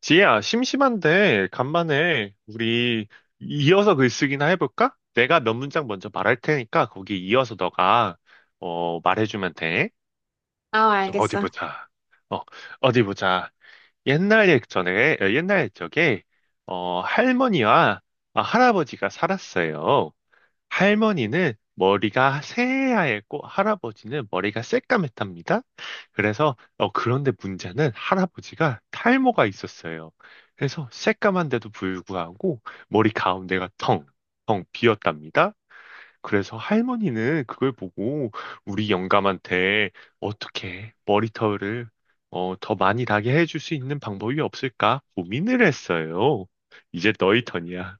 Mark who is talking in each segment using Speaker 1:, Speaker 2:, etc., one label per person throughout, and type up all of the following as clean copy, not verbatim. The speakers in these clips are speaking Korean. Speaker 1: 지혜야, 심심한데 간만에 우리 이어서 글쓰기나 해볼까? 내가 몇 문장 먼저 말할 테니까 거기 이어서 너가 말해주면 돼.
Speaker 2: 아,
Speaker 1: 어디
Speaker 2: 알겠어.
Speaker 1: 보자. 어, 어디 보자. 옛날 옛적에 할머니와 할아버지가 살았어요. 할머니는 머리가 새하얗고 할아버지는 머리가 새까맸답니다. 그런데 문제는 할아버지가 탈모가 있었어요. 그래서 새까만데도 불구하고 머리 가운데가 텅텅 비었답니다. 그래서 할머니는 그걸 보고 우리 영감한테 어떻게 머리털을 더 많이 나게 해줄 수 있는 방법이 없을까 고민을 했어요. 이제 너희 턴이야.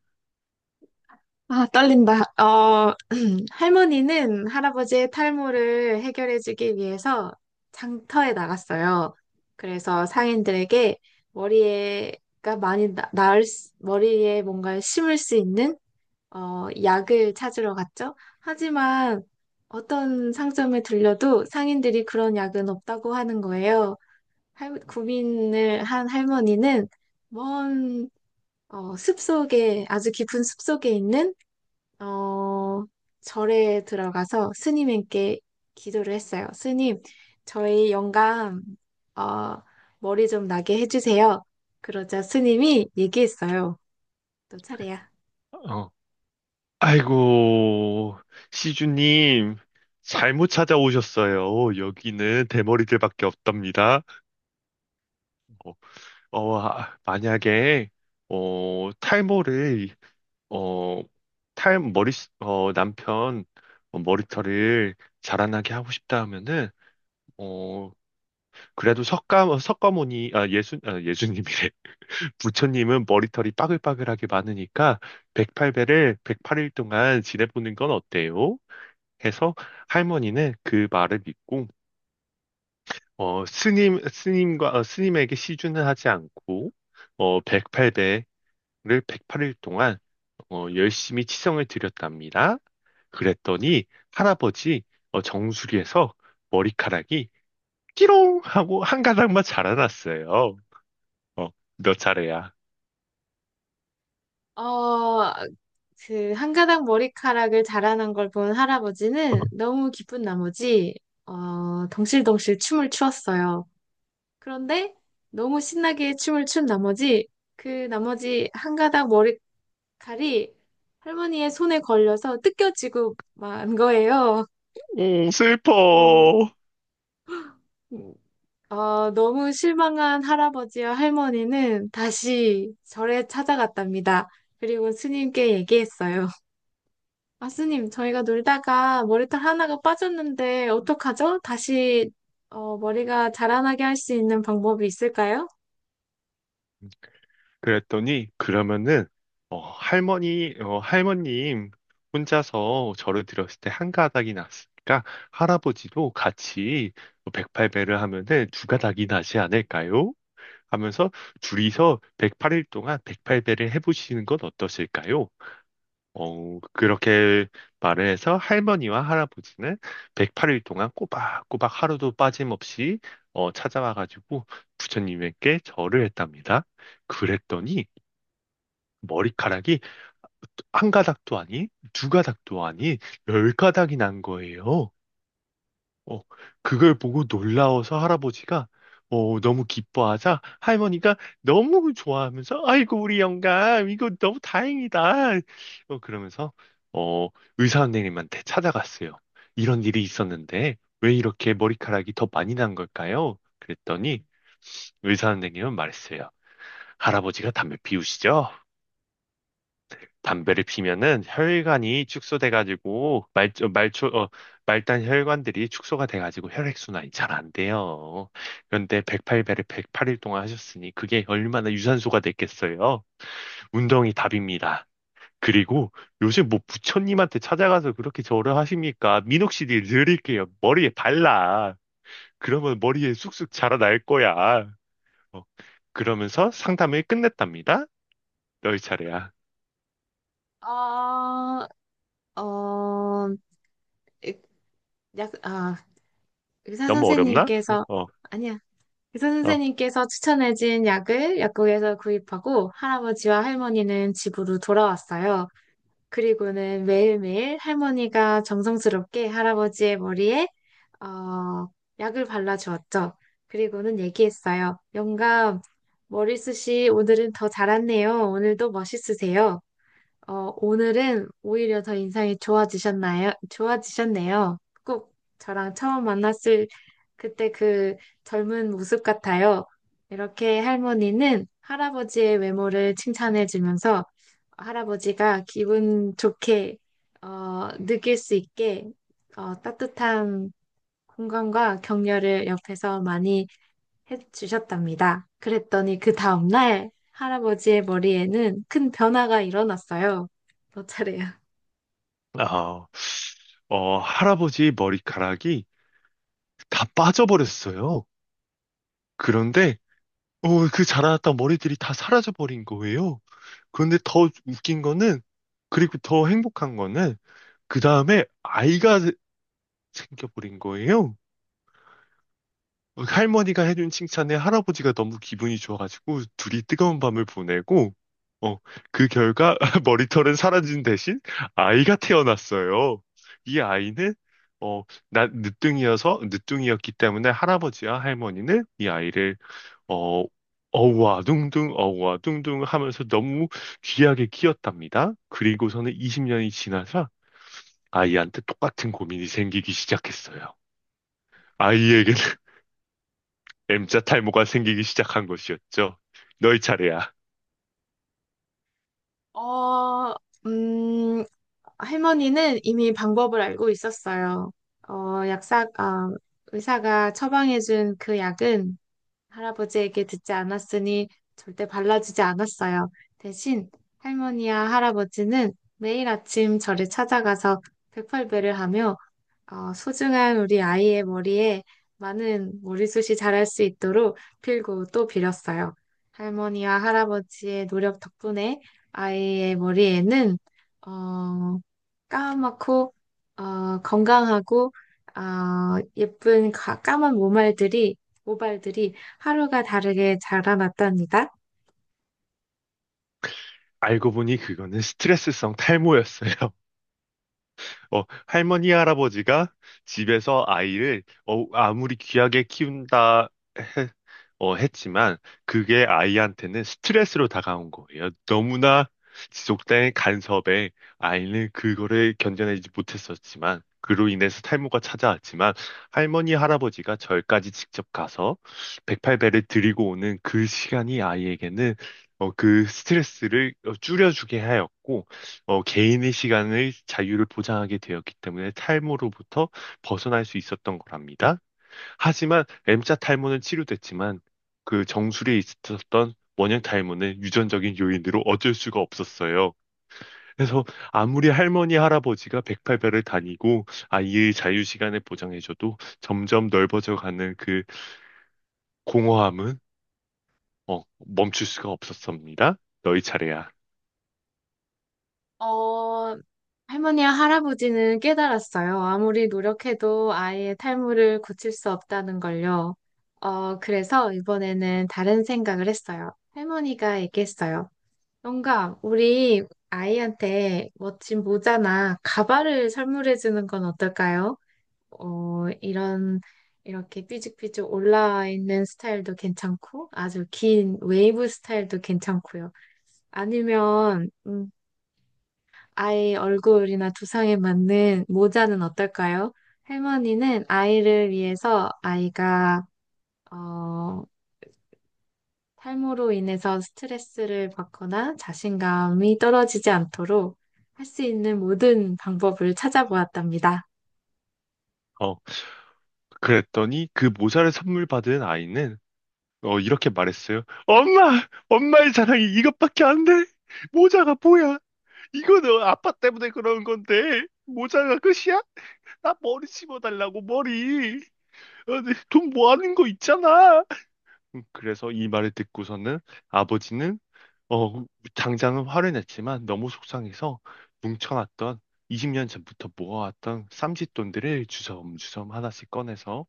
Speaker 2: 아, 떨린다. 할머니는 할아버지의 탈모를 해결해주기 위해서 장터에 나갔어요. 그래서 상인들에게 머리에가 많이 나, 나을, 수- 머리에 뭔가 심을 수 있는 약을 찾으러 갔죠. 하지만 어떤 상점에 들려도 상인들이 그런 약은 없다고 하는 거예요. 고민을 한 할머니는 먼 아주 깊은 숲속에 있는 어, 절에 들어가서 스님께 기도를 했어요. 스님, 저희 영감, 어, 머리 좀 나게 해주세요. 그러자 스님이 얘기했어요. 너 차례야.
Speaker 1: 어. 아이고, 시주님, 잘못 찾아오셨어요. 여기는 대머리들밖에 없답니다. 어, 만약에, 어, 탈모를, 어, 탈, 머리, 어, 남편 머리털을 자라나게 하고 싶다 하면은, 어, 그래도 석가모니, 예수님이래. 부처님은 머리털이 빠글빠글하게 많으니까, 108배를 108일 동안 지내보는 건 어때요? 해서 할머니는 그 말을 믿고 스님에게 시주는 하지 않고 108배를 108일 동안 열심히 치성을 드렸답니다. 그랬더니 할아버지 정수리에서 머리카락이 끼롱 하고 한 가닥만 자라났어요. 어, 몇 차례야.
Speaker 2: 어, 그, 한 가닥 머리카락을 자라는 걸 본 할아버지는 너무 기쁜 나머지, 덩실덩실 춤을 추었어요. 그런데 너무 신나게 춤을 춘 나머지, 그 나머지 한 가닥 머리 칼이 할머니의 손에 걸려서 뜯겨지고 만 거예요.
Speaker 1: 오,
Speaker 2: 어,
Speaker 1: 슬퍼.
Speaker 2: 음, 너무 실망한 할아버지와 할머니는 다시 절에 찾아갔답니다. 그리고 스님께 얘기했어요. 아, 스님, 저희가 놀다가 머리털 하나가 빠졌는데 어떡하죠? 다시 머리가 자라나게 할 수 있는 방법이 있을까요?
Speaker 1: 그랬더니 그러면은 할머님 혼자서 절을 드렸을 때 한 가닥이 났으니까 할아버지도 같이 108배를 하면은 두 가닥이 나지 않을까요? 하면서 둘이서 108일 동안 108배를 해보시는 건 어떠실까요? 그렇게 말을 해서 할머니와 할아버지는 108일 동안 꼬박꼬박 하루도 빠짐없이 찾아와가지고 부처님에게 절을 했답니다. 그랬더니 머리카락이 한 가닥도 아니, 두 가닥도 아니, 열 가닥이 난 거예요. 어, 그걸 보고 놀라워서 할아버지가 너무 기뻐하자 할머니가 너무 좋아하면서 아이고, 우리 영감, 이거 너무 다행이다. 그러면서 어, 의사 선생님한테 찾아갔어요. 이런 일이 있었는데 왜 이렇게 머리카락이 더 많이 난 걸까요? 그랬더니 의사 선생님은 말했어요. 할아버지가 담배 피우시죠? 담배를 피면은 혈관이 축소돼가지고 말, 어, 말초, 어, 말단 혈관들이 축소가 돼가지고 혈액순환이 잘 안 돼요. 그런데 108배를 108일 동안 하셨으니 그게 얼마나 유산소가 됐겠어요? 운동이 답입니다. 그리고 요즘 뭐 부처님한테 찾아가서 그렇게 절을 하십니까? 민옥씨를 드릴게요. 머리에 발라. 그러면 머리에 쑥쑥 자라날 거야. 어, 그러면서 상담을 끝냈답니다. 열 차례야.
Speaker 2: 어, 어, 약, 아, 의사
Speaker 1: 너무 어렵나?
Speaker 2: 선생님께서
Speaker 1: 어,
Speaker 2: 아니, 의사
Speaker 1: 어.
Speaker 2: 선생님께서 추천해준 약을 약국에서 구입하고 할아버지와 할머니는 집으로 돌아왔어요. 그리고는 매일매일 할머니가 정성스럽게 할아버지의 머리에 어, 약을 발라주었죠. 그리고는 얘기했어요. 영감, 머리숱이 오늘은 더 자랐네요. 오늘도 멋있으세요. 오늘은 오히려 더 인상이 좋아지셨나요? 좋아지셨네요. 꼭 저랑 처음 만났을 그때 그 젊은 모습 같아요. 이렇게 할머니는 할아버지의 외모를 칭찬해주면서 할아버지가 기분 좋게 느낄 수 있게 따뜻한 공감과 격려를 옆에서 많이 해주셨답니다. 그랬더니 그 다음날 할아버지의 머리에는 큰 변화가 일어났어요. 너 차례야.
Speaker 1: 어. 할아버지의 머리카락이 다 빠져버렸어요. 그런데, 그 자라났던 머리들이 다 사라져버린 거예요. 그런데 더 웃긴 거는, 그리고 더 행복한 거는, 그 다음에 아이가 생겨버린 거예요. 할머니가 해준 칭찬에 할아버지가 너무 기분이 좋아가지고 둘이 뜨거운 밤을 보내고, 어, 그 결과 머리털은 사라진 대신 아이가 태어났어요. 이 아이는, 어, 늦둥이었기 때문에 할아버지와 할머니는 이 아이를, 어, 어우와 둥둥 어우와 둥둥 하면서 너무 귀하게 키웠답니다. 그리고서는 20년이 지나서 아이한테 똑같은 고민이 생기기 시작했어요. 아이에게 M자 탈모가 생기기 시작한 것이었죠. 너희 차례야.
Speaker 2: 어, 음, 할머니는 이미 방법을 알고 있었어요. 어, 약사, 어, 의사가 처방해준 그 약은 할아버지에게 듣지 않았으니 절대 발라주지 않았어요. 대신 할머니와 할아버지는 매일 아침 저를 찾아가서 백팔배를 하며 소중한 우리 아이의 머리에 많은 머리숱이 자랄 수 있도록 빌고 또 빌었어요. 할머니와 할아버지의 노력 덕분에 아이의 머리에는 어, 까맣고 건강하고 어, 예쁜 까만 모발들이 모발들이 하루가 다르게 자라났답니다.
Speaker 1: 알고 보니 그거는 스트레스성 탈모였어요. 할머니, 할아버지가 집에서 아이를 아무리 귀하게 키운다 해- 했지만 그게 아이한테는 스트레스로 다가온 거예요. 너무나 지속된 간섭에 아이는 그거를 견뎌내지 못했었지만 그로 인해서 탈모가 찾아왔지만 할머니, 할아버지가 절까지 직접 가서 108배를 드리고 오는 그 시간이 아이에게는 그 스트레스를 줄여주게 하였고 개인의 시간의 자유를 보장하게 되었기 때문에 탈모로부터 벗어날 수 있었던 거랍니다. 하지만 M자 탈모는 치료됐지만 그 정수리에 있었던 원형 탈모는 유전적인 요인으로 어쩔 수가 없었어요. 그래서 아무리 할머니, 할아버지가 108배를 다니고 아이의 자유 시간을 보장해줘도 점점 넓어져가는 그 공허함은 멈출 수가 없었습니다. 너희 차례야.
Speaker 2: 어, 할머니와 할아버지는 깨달았어요. 아무리 노력해도 아이의 탈모를 고칠 수 없다는 걸요. 그래서 이번에는 다른 생각을 했어요. 할머니가 얘기했어요. 뭔가 우리 아이한테 멋진 모자나 가발을 선물해 주는 건 어떨까요? 어, 이런 이렇게 삐죽삐죽 올라와 있는 스타일도 괜찮고 아주 긴 웨이브 스타일도 괜찮고요. 아니면 아이 얼굴이나 두상에 맞는 모자는 어떨까요? 할머니는 아이를 위해서 아이가 어, 탈모로 인해서 스트레스를 받거나 자신감이 떨어지지 않도록 할 수 있는 모든 방법을 찾아보았답니다.
Speaker 1: 어, 그랬더니 그 모자를 선물 받은 아이는 이렇게 말했어요. 엄마! 엄마의 자랑이 이것밖에 안 돼! 모자가 뭐야? 이거는 아빠 때문에 그런 건데, 모자가 끝이야? 나 머리 심어달라고, 머리! 네, 돈 모아는 거 있잖아! 그래서 이 말을 듣고서는 아버지는, 어, 당장은 화를 냈지만 너무 속상해서 뭉쳐놨던 20년 전부터 모아왔던 쌈짓돈들을 주섬주섬 하나씩 꺼내서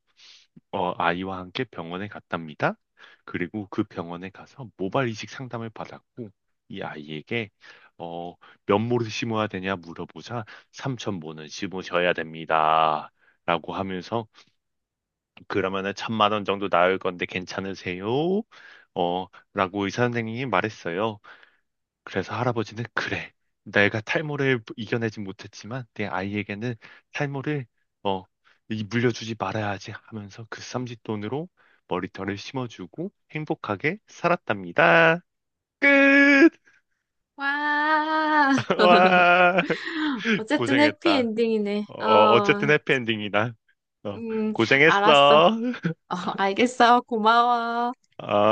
Speaker 1: 아이와 함께 병원에 갔답니다. 그리고 그 병원에 가서 모발 이식 상담을 받았고 이 아이에게 어, 몇 모를 심어야 되냐 물어보자 3천 모는 심으셔야 됩니다, 라고 하면서 그러면은 천만 원 정도 나올 건데 괜찮으세요? 어, 라고 의사 선생님이 말했어요. 그래서 할아버지는 그래, 내가 탈모를 이겨내지 못했지만 내 아이에게는 탈모를 어, 물려주지 말아야지 하면서 그 쌈짓돈으로 머리털을 심어주고 행복하게 살았답니다. 끝!
Speaker 2: 와,
Speaker 1: 와,
Speaker 2: 어쨌든
Speaker 1: 고생했다.
Speaker 2: 해피엔딩이네.
Speaker 1: 어쨌든 해피엔딩이다. 어,
Speaker 2: 음, 알았어.
Speaker 1: 고생했어.
Speaker 2: 알겠어. 고마워.
Speaker 1: 어.